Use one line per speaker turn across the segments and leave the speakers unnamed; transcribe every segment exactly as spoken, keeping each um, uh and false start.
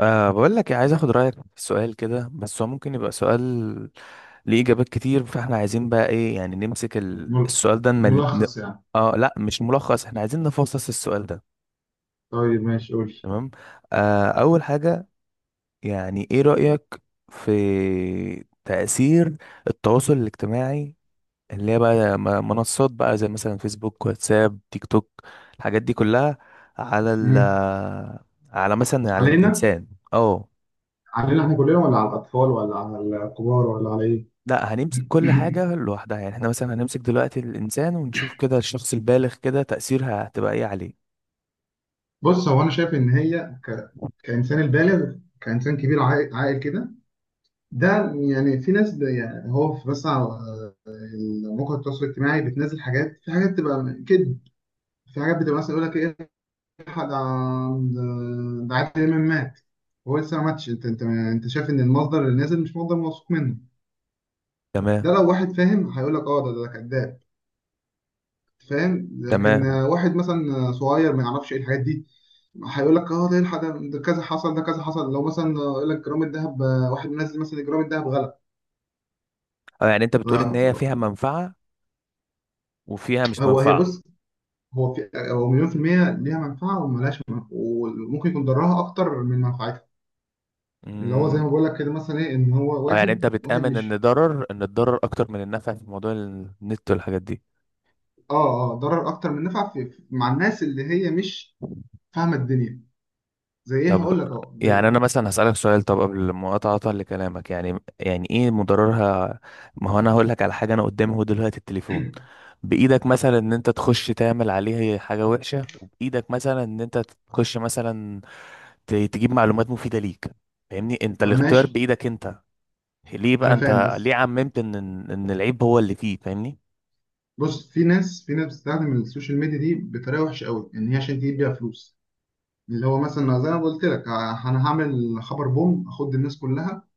أه بقول لك إيه، عايز اخد رايك في سؤال كده، بس هو ممكن يبقى سؤال ليه اجابات كتير، فاحنا عايزين بقى ايه، يعني نمسك ال-
مل-
السؤال ده، نمل... ن...
ملخص يعني.
اه لا، مش ملخص، احنا عايزين نفصص السؤال ده.
طيب، ماشي قول.
تمام. أه اول حاجه، يعني ايه رايك في تاثير التواصل الاجتماعي، اللي هي بقى م- منصات بقى زي مثلا فيسبوك، واتساب، تيك توك، الحاجات دي كلها، على ال
مم.
على مثلا على
علينا
الانسان. اه.
علينا احنا كلنا، ولا على الاطفال، ولا على الكبار، ولا على ايه؟
لا، هنمسك كل حاجة لوحدها، يعني احنا مثلا هنمسك دلوقتي الإنسان ونشوف كده الشخص البالغ، كده تأثيرها هتبقى ايه عليه.
بص، هو انا شايف ان هي ك... كانسان البالغ، كانسان كبير عاقل عاقل كده، ده يعني في ناس ب... يعني هو في بس على آه، مواقع التواصل الاجتماعي بتنزل حاجات، في حاجات تبقى كده، في حاجات بتبقى مثلا يقول لك ايه، ده ده ده عادل امام مات، هو لسه ما ماتش. انت انت انت شايف ان المصدر اللي نازل مش مصدر موثوق منه.
تمام.
ده لو واحد فاهم هيقول لك اه، ده ده كذاب، فاهم. لكن
تمام.
آه، واحد مثلا آه، صغير ما يعرفش ايه الحاجات دي، هيقول لك اه، ده إيه الحاجة- ده كذا حصل، ده كذا حصل. لو مثلا آه، يقول لك جرام الذهب، آه، واحد منزل مثلا جرام الذهب غلط.
اه، يعني انت بتقول ان هي فيها منفعة وفيها مش
هو هي
منفعة.
بص هو في هو مليون في المية ليها منفعة وملهاش منفعة، وممكن يكون ضرها أكتر من منفعتها. اللي هو زي
امم.
ما بقول لك كده، مثلا إيه، إن هو
اه، يعني انت
واحد واحد
بتآمن ان
مش...
ضرر ان الضرر اكتر من النفع في موضوع النت والحاجات دي.
آه آه ضرر أكتر من نفع في في- مع الناس اللي هي مش فاهمة الدنيا. زي إيه؟
طب،
هقول لك أهو زي
يعني انا
إيه.
مثلا هسألك سؤال، طب قبل مقاطعة لكلامك، يعني يعني ايه مضررها؟ ما هو انا هقول لك على حاجة، انا قدامي اهو دلوقتي التليفون بايدك، مثلا ان انت تخش تعمل عليه حاجة وحشة، وبايدك مثلا ان انت تخش مثلا ت- تجيب معلومات مفيدة ليك. فاهمني؟ انت
طب
الاختيار
ماشي،
بايدك انت. ليه بقى
انا فاهم
انت ليه
بس.
عممت ان ان إن العيب هو اللي فيه؟ فاهمني؟
بص، في ناس في ناس بتستخدم السوشيال ميديا دي بطريقه وحشه قوي، ان هي عشان تجيب بيها فلوس. اللي هو مثلا زي ما قلت لك، ه- انا هعمل خبر بوم اخد الناس كلها.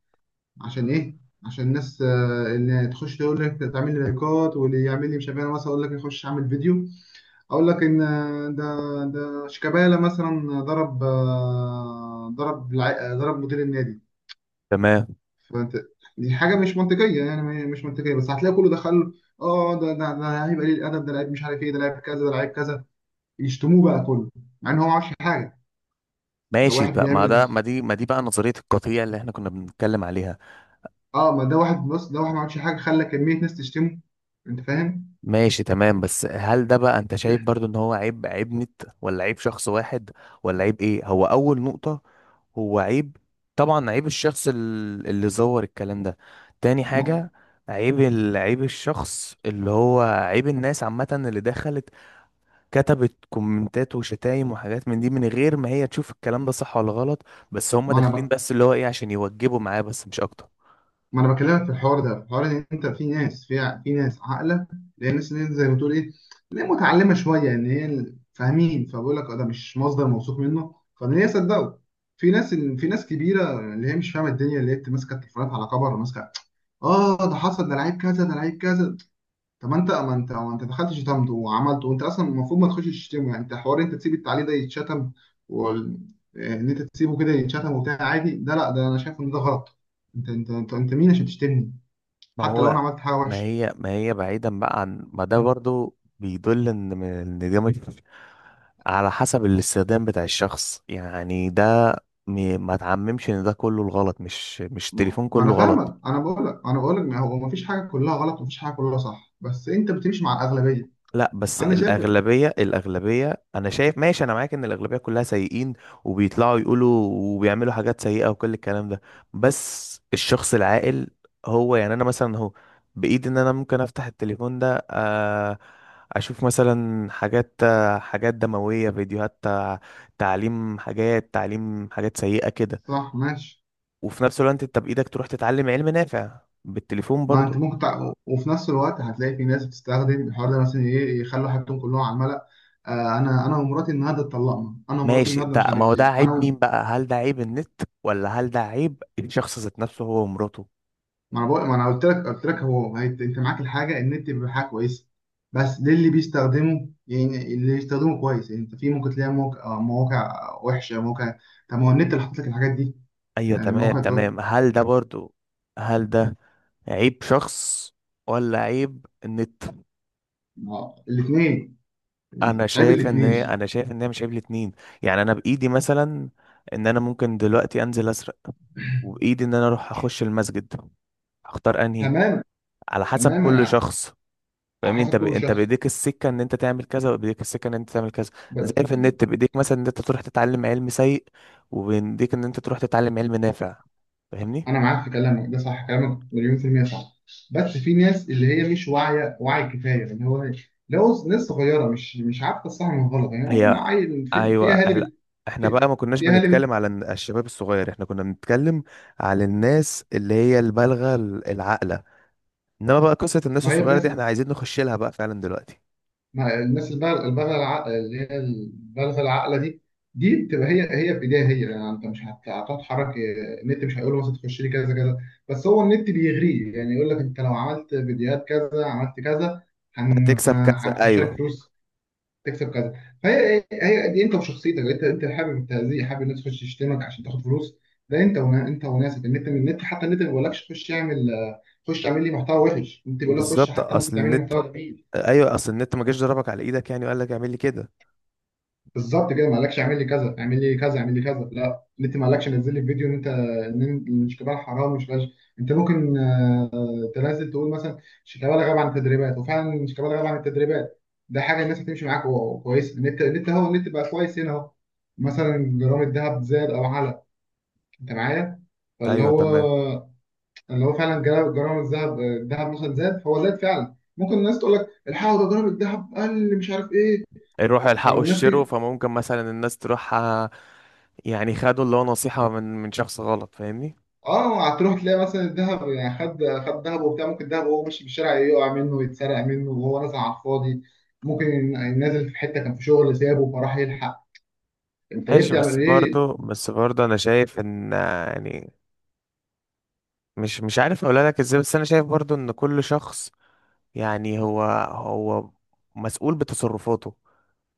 عشان ايه؟ عشان الناس آه، اللي تخش تقول لك تعمل لي لايكات، واللي يعمل لي مش عارف إيه. أنا مثلا اقول لك اخش اعمل فيديو، اقول لك ان آه، ده ده شيكابالا مثلا ضرب، آه، ضرب الع- آه، ضرب مدير النادي.
تمام.
فانت، دي حاجه مش منطقيه، يعني م- مش منطقيه، بس هتلاقي كله دخل: اه، ده ده ده لعيب قليل الادب، ده لعيب مش عارف ايه، ده لعيب كذا، ده لعيب كذا، يشتموه بقى كله، مع ان هو ما عملش حاجه. ده
ماشي
واحد
بقى، ما
بيعمل،
ده ما دي ما دي بقى نظرية القطيع اللي احنا كنا بنتكلم عليها.
اه، ما ده واحد، بص، ده واحد ما عملش حاجه، خلى كميه ناس تشتمه. انت فاهم؟
ماشي، تمام. بس هل ده بقى انت شايف برضو ان هو عيب عيب نت، ولا عيب شخص واحد، ولا عيب ايه؟ هو اول نقطة هو عيب، طبعا عيب الشخص ال- اللي زور الكلام ده. تاني
ما,
حاجة، عيب ال- عيب الشخص اللي هو عيب الناس عامة، اللي دخلت كتبت كومنتات وشتايم وحاجات من دي من غير ما هي تشوف الكلام ده صح ولا غلط، بس هم
ما
داخلين
انا
بس اللي هو ايه، عشان يوجبوا معاه بس، مش اكتر.
ما انا بكلمك في الحوار ده، في الحوار ان انت في ناس، في في ناس عاقله اللي هي الناس اللي زي ما بتقول ايه، اللي هي متعلمه شويه، ان هي ال- فاهمين، فبقول لك اه، ده مش مصدر موثوق منه، فان هي صدقوا. في ناس في ناس كبيره اللي هي مش فاهمه الدنيا، اللي هي بت- ماسكه التليفونات على كبر، ماسكه: اه، ده حصل، ده لعيب كذا، ده لعيب كذا. طب ما انت ما انت ما انت دخلت شتمته وعملته، وانت اصلا المفروض ما تخش تشتمه. يعني انت حوار، انت تسيب التعليق ده يتشتم وال... ان انت تسيبه كده يتشتم وبتاع عادي؟ ده لا، ده انا شايف ان ده غلط. انت انت انت, انت مين عشان تشتمني؟
ما
حتى لو انا
هو
عملت حاجه
ما
وحشه.
هي ما هي بعيدا بقى عن ما ده، برضو بيدل ان ان ده مش على حسب الاستخدام بتاع الشخص، يعني ده م- ما تعممش ان ده كله الغلط، مش مش
ما
التليفون
ما انا
كله غلط.
فاهمك، انا بقول لك انا بقول لك ما هو ما فيش حاجه كلها غلط، ومفيش حاجه كلها صح، بس انت بتمشي مع الاغلبيه.
لا بس
انا شايف
الأغلبية الأغلبية أنا شايف، ماشي، أنا معاك إن الأغلبية كلها سيئين، وبيطلعوا يقولوا وبيعملوا حاجات سيئة وكل الكلام ده. بس الشخص العاقل هو، يعني أنا مثلا، هو بإيدي إن أنا ممكن أفتح التليفون ده، آه، أشوف مثلا حاجات، آه، حاجات دموية، فيديوهات، آه، تعليم حاجات تعليم حاجات سيئة كده.
صح، ماشي.
وفي نفس الوقت أنت بإيدك تروح تتعلم علم نافع بالتليفون
ما انت
برضو.
ممكن تع... وفي نفس الوقت هتلاقي في ناس بتستخدم الحوار ده مثلا ايه، يخلوا حياتهم كلهم على الملأ: آه انا انا ومراتي النهارده اتطلقنا، انا ومراتي
ماشي،
النهارده مش
ده ما هو
عارف
ده
ايه
عيب
انا.
مين بقى؟ هل ده عيب النت، ولا هل ده عيب الشخص ذات نفسه هو ومراته؟
ما انا بقول ما انا قلت لك قلت لك هو هي- انت معاك الحاجه، النت بيبقى حاجه كويسه، بس ليه؟ اللي بيستخدمه، يعني اللي بيستخدمه كويس. يعني انت في ممكن تلاقي موقع، آه، مواقع وحشه، مواقع. طب ما هو النت اللي حاطط لك الحاجات دي،
ايوه،
يعني
تمام،
المواقع تقول.
تمام. هل ده برضو هل ده عيب شخص، ولا عيب النت؟
الاثنين.
انا
عيب
شايف ان
الاثنين.
هي انا شايف ان هي مش عيب الاتنين. يعني انا بايدي مثلا ان انا ممكن دلوقتي انزل اسرق، وبايدي ان انا اروح اخش المسجد، اختار انهي،
تمام،
على حسب
تمام،
كل
انا.
شخص.
على
فاهمني؟ انت
حسب
ب...
كل
انت
شخص.
بايديك السكه ان انت تعمل كذا، وبايديك السكه ان انت تعمل كذا. زي في النت بايديك مثلا ان انت تروح تتعلم علم سيء، وبايديك ان انت تروح تتعلم علم نافع. فاهمني؟
انا معاك في كلامك ده صح، كلامك مليون في المية صح، بس في ناس اللي هي مش واعية وعي كفاية، اللي هو لو ناس صغيرة مش مش عارفة الصح من الغلط، يعني مثلا
هي،
عيل، في, في
ايوه.
اهالي
لا،
بت،
احنا
في,
بقى ما كناش
في اهالي بت.
بنتكلم على الن- الشباب الصغير، احنا كنا بنتكلم على الناس اللي هي البالغه، ال- العاقله. انما بقى قصه الناس
ما هي
الصغيره
الناس،
دي احنا عايزين نخش لها بقى فعلا دلوقتي.
ما الناس البالغة، البالغة الع- اللي هي البالغة العاقلة دي، دي بتبقى هي، هي في ايديها هي. يعني انت مش هت- هتتحرك إيه، النت مش هيقول له مثلا تخش لي كذا كذا، بس هو النت بيغريه، يعني يقول لك انت لو عملت فيديوهات كذا، عملت كذا، هن-
هتكسب كذا،
هتخش لك
ايوه.
فلوس، تكسب كذا. فهي إيه، هي دي انت وشخصيتك، انت انت حابب التهزيء، حابب الناس تخش تشتمك عشان تاخد فلوس. ده انت ونا... انت وناسك النت. من النت حتى، النت ما بيقولكش خش اعمل، خش اعمل لي محتوى وحش، انت بيقول لك خش،
بالظبط،
حتى ممكن
اصل
تعمل لي
النت
محتوى جميل.
ايوه، اصل النت ما جاش ضربك على ايدك يعني وقال لك اعمل لي كده.
بالظبط كده، ما قالكش اعمل لي كذا اعمل لي كذا اعمل لي كذا، لا، النت ما قالكش نزل لي فيديو ان انت ان إن مش كبار حرام مش فاش. انت ممكن كنت نازل تقول مثلا شيكابالا غاب عن التدريبات، وفعلا شيكابالا غاب عن التدريبات، ده حاجه الناس هتمشي معاك و- كويس، ان انت ان انت هو ان انت بقى كويس هنا اهو. مثلا جرام الذهب زاد او علا، انت معايا؟ فاللي
ايوه تمام.
هو اللي هو فعلا جرام جرام الذهب الذهب مثلا زاد، فهو زاد فعلا، ممكن الناس تقول لك الحقوا، ده جرام الذهب قل، مش عارف ايه.
يروحوا يلحقوا
فالناس
الشرو،
تيجي،
فممكن مثلا الناس تروح، آه، يعني خدوا اللي هو نصيحة من من شخص غلط. فاهمني؟
اه، هتروح تلاقي مثلا الذهب يعني خد خد ذهب وبتاع، ممكن الذهب وهو ماشي في الشارع يقع منه، يتسرق منه، وهو نازل على الفاضي، ممكن نازل في حته كان في شغل سابه فراح يلحق. انت ليه
ماشي، بس
بتعمل ايه؟
برضه، بس برضه انا شايف ان، آه، يعني مش مش عارف اقولها لك ازاي، بس انا شايف برضه ان كل شخص، يعني هو هو مسؤول بتصرفاته.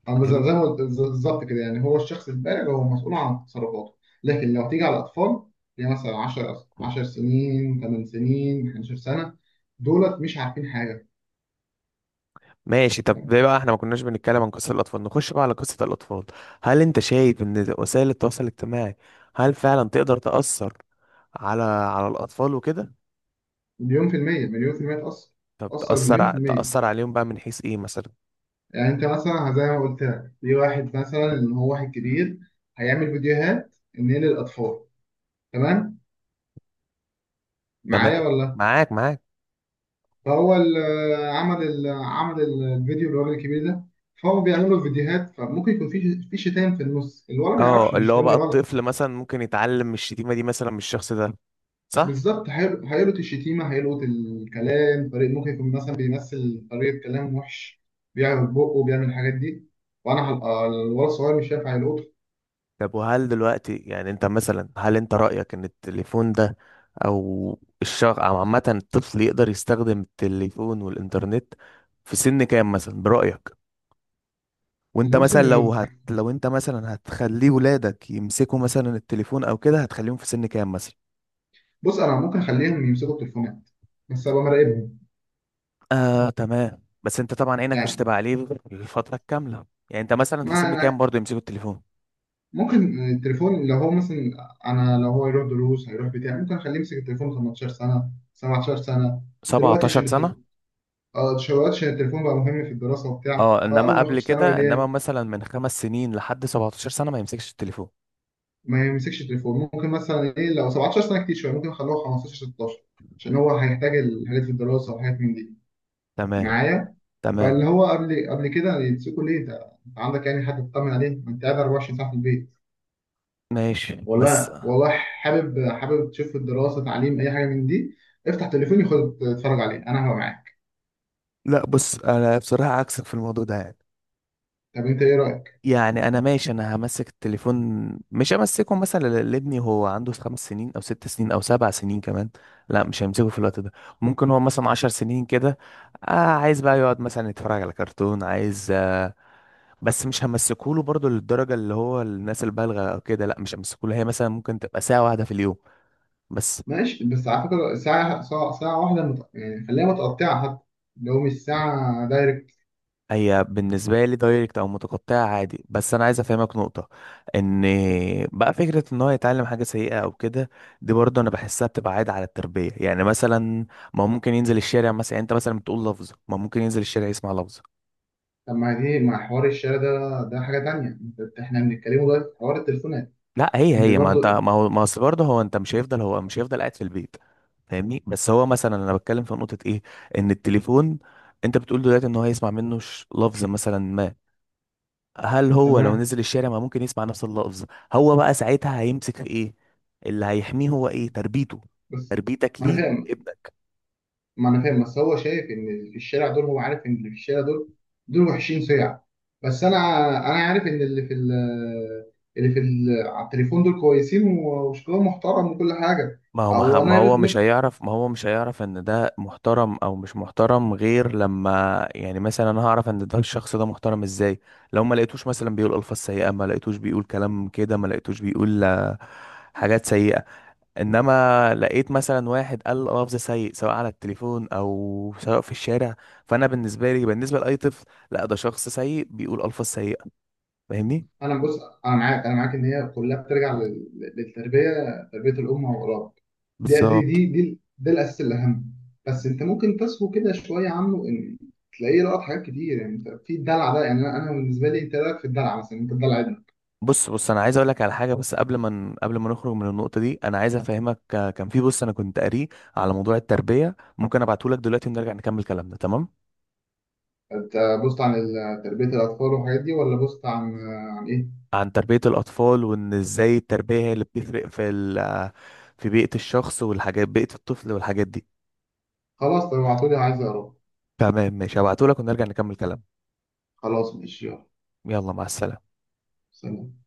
انا زي
فاهمني؟
زي ما قلت بالظبط كده، يعني هو الشخص البالغ هو مسؤول عن تصرفاته. لكن لو تيجي على الاطفال اللي مثلا عشر عشر سنين، 8 سنين، إحدى عشرة سنة سنه، دولت مش عارفين حاجه.
ماشي. طب ليه بقى احنا ما كناش بنتكلم عن قصة الاطفال؟ نخش بقى على قصة الاطفال. هل انت شايف ان وسائل التواصل الاجتماعي هل فعلا تقدر تأثر على على الاطفال وكده؟
مليون في المية مليون في المية تأثر،
طب
تأثر
تأثر،
مليون في
ع-
المية.
تأثر عليهم بقى من حيث ايه مثلا؟
يعني انت مثلا زي ما قلت لك، في واحد مثلا ان هو واحد كبير، هيعمل فيديوهات ان هي للاطفال، تمام، معايا
تمام.
ولا؟
معاك، معاك.
فهو ال- عمل ال- عمل ال- الفيديو، الراجل الكبير ده فهو بيعمل له فيديوهات، فممكن يكون في في شتائم في النص، الولد ما
اه،
يعرفش ان
اللي هو
الشتائم
بقى
دي غلط.
الطفل مثلا ممكن يتعلم من الشتيمة دي مثلا من الشخص ده، صح.
بالظبط، هيل- هيلقط الشتيمه، هيلقط الكلام، طريق ممكن يكون مثلا بيمثل طريقه كلام وحش، بيعمل بقه وبيعمل الحاجات دي، وانا هبقى الولد الصغير مش شايف، هيلقطه.
طب وهل دلوقتي، يعني انت مثلا، هل انت رأيك ان التليفون ده، او الشخص، او عامة الطفل يقدر يستخدم التليفون والانترنت في سن كام مثلا برأيك؟ وانت
اللي هو
مثلا
سن
لو
النضج.
هت لو انت مثلا هتخليه ولادك يمسكوا مثلا التليفون او كده، هتخليهم في سن كام مثلا؟
بص، انا ممكن اخليهم يمسكوا التليفونات، بس ابقى مراقبهم.
آه تمام، بس انت طبعا عينك مش
يعني
هتبقى عليه الفترة الكاملة. يعني انت مثلا في
ما
سن كام
أنا
برضه يمسكوا التليفون؟
ممكن التليفون لو هو مثلا، انا لو هو يروح دروس هيروح بتاع، ممكن اخليه يمسك التليفون تمنتاشر سنة سنه سبعتاشر سنة سنه، دلوقتي
سبعتاشر
عشان الت-
سنة؟
آه، دلوقتي عشان التليفون بقى مهم في الدراسه وبتاع،
اه،
فاول
انما
ما
قبل
يخش ثانوي
كده، انما
ليه.
مثلا من خمس سنين لحد سبعة عشر سنة ما يمسكش التليفون؟
ما يمسكش التليفون، ممكن مثلا ايه لو سبعة عشر سنة سنه كتير شويه، ممكن اخلوه خمستاشر ستة عشر، عشان هو هيحتاج الحاجات في الدراسه وحاجات من دي.
تمام.
معايا؟ فاللي
تمام.
هو قبل قبل كده يمسكوا ليه، ده انت عندك يعني حد تطمن عليه، ما انت قاعد اربعة وعشرين ساعة ساعه في البيت،
ماشي بس.
والله والله حابب حابب تشوف الدراسه، تعليم، اي حاجه من دي، افتح تليفوني خد اتفرج عليه، انا هبقى معاك.
لا، بص، انا بصراحة عكسك في الموضوع ده. يعني
طب انت ايه رايك؟
يعني انا ماشي، انا همسك التليفون، مش همسكه مثلا ل- لابني هو عنده خمس سنين او ست سنين او سبع سنين كمان، لا مش همسكه في الوقت ده. ممكن هو مثلا عشر سنين كده، آه عايز بقى يقعد مثلا يتفرج على كرتون، عايز آه بس مش همسكه له برضه للدرجه اللي هو الناس البالغه او كده، لا مش همسكه له، هي مثلا ممكن تبقى ساعه واحده في اليوم بس.
ماشي، بس على فكره، ساعه، ساعه, ساعة واحده مت... يعني خليها متقطعه حتى لو مش ساعه دايركت.
هي بالنسبة لي دايركت أو متقطعة عادي، بس أنا عايز أفهمك نقطة، إن بقى فكرة إن هو يتعلم حاجة سيئة أو كده، دي برضه أنا بحسها بتبقى عادة على التربية، يعني مثلا ما هو ممكن ينزل الشارع مثلا، يعني أنت مثلا بتقول لفظة، ما هو ممكن ينزل الشارع يسمع لفظة.
طب ما دي مع حوار الشارع، ده ده حاجه تانية، انت احنا بنتكلموا دلوقتي في حوار التليفونات.
لا، هي
انت
هي ما أنت،
برضو.
ما هو ما أصل برضه هو، أنت مش هيفضل هو مش هيفضل قاعد في البيت. فاهمني؟ بس هو مثلا، أنا بتكلم في نقطة إيه، إن التليفون، أنت بتقول دلوقتي إن هو هيسمع منه ش- لفظ مثلا ما. هل هو لو
تمام،
نزل الشارع ما ممكن يسمع نفس اللفظ؟ هو بقى ساعتها هيمسك في ايه؟ اللي هيحميه هو ايه؟ تربيته،
بس
تربيتك
ما انا
ليه
فاهم
ابنك.
ما انا فاهم بس هو شايف ان اللي في الشارع دول، هو عارف ان اللي في الشارع دول دول وحشين سيع. بس انا انا عارف ان اللي في ال- اللي في ال- على التليفون دول كويسين و- وشكلهم محترم وكل حاجه،
ما هو ما
او
ما
انا
هو مش
نفسي
هيعرف ما هو مش هيعرف ان ده محترم او مش محترم غير لما، يعني مثلا انا هعرف ان ده الشخص ده محترم ازاي؟ لو ما لقيتوش مثلا بيقول الفاظ سيئة، ما لقيتوش بيقول كلام كده، ما لقيتوش بيقول، آه، حاجات سيئة، انما لقيت مثلا واحد قال لفظ سيء، سواء على التليفون او سواء في الشارع، فانا بالنسبه لي، بالنسبه لاي طفل، لا ده شخص سيء بيقول الفاظ سيئه. فاهمني؟
انا. بص، انا معاك انا معاك ان هي كلها بترجع لل- للتربيه، تربيه الام واولاد. دي دي
بالظبط.
دي دي, ده الاساس الاهم، بس انت ممكن تسهو كده شويه عنه، ان تلاقيه لقط حاجات كتير، يعني انت في الدلع ده، يعني انا أنا بالنسبه لي انت رايك في الدلع مثلا انت الدلع؟
بص بص، انا عايز اقول لك على حاجه، بس قبل ما ن- قبل ما نخرج من النقطه دي، انا عايز افهمك، آه، كان في بص انا كنت قاريه على موضوع التربيه، ممكن ابعته لك دلوقتي ونرجع نكمل كلامنا. تمام.
انت بوست عن ال- تربية الأطفال والحاجات دي، ولا بوست عن عن إيه؟
عن تربيه الاطفال، وان ازاي التربيه هي اللي بتفرق في ال آه، في بيئه الشخص والحاجات بيئه الطفل والحاجات دي.
خلاص، طب ابعتولي، عايز أقرأ.
تمام، ماشي، هبعته لك ونرجع نكمل كلامنا.
خلاص، ماشي، يلا.
يلا، مع السلامة.
سلام.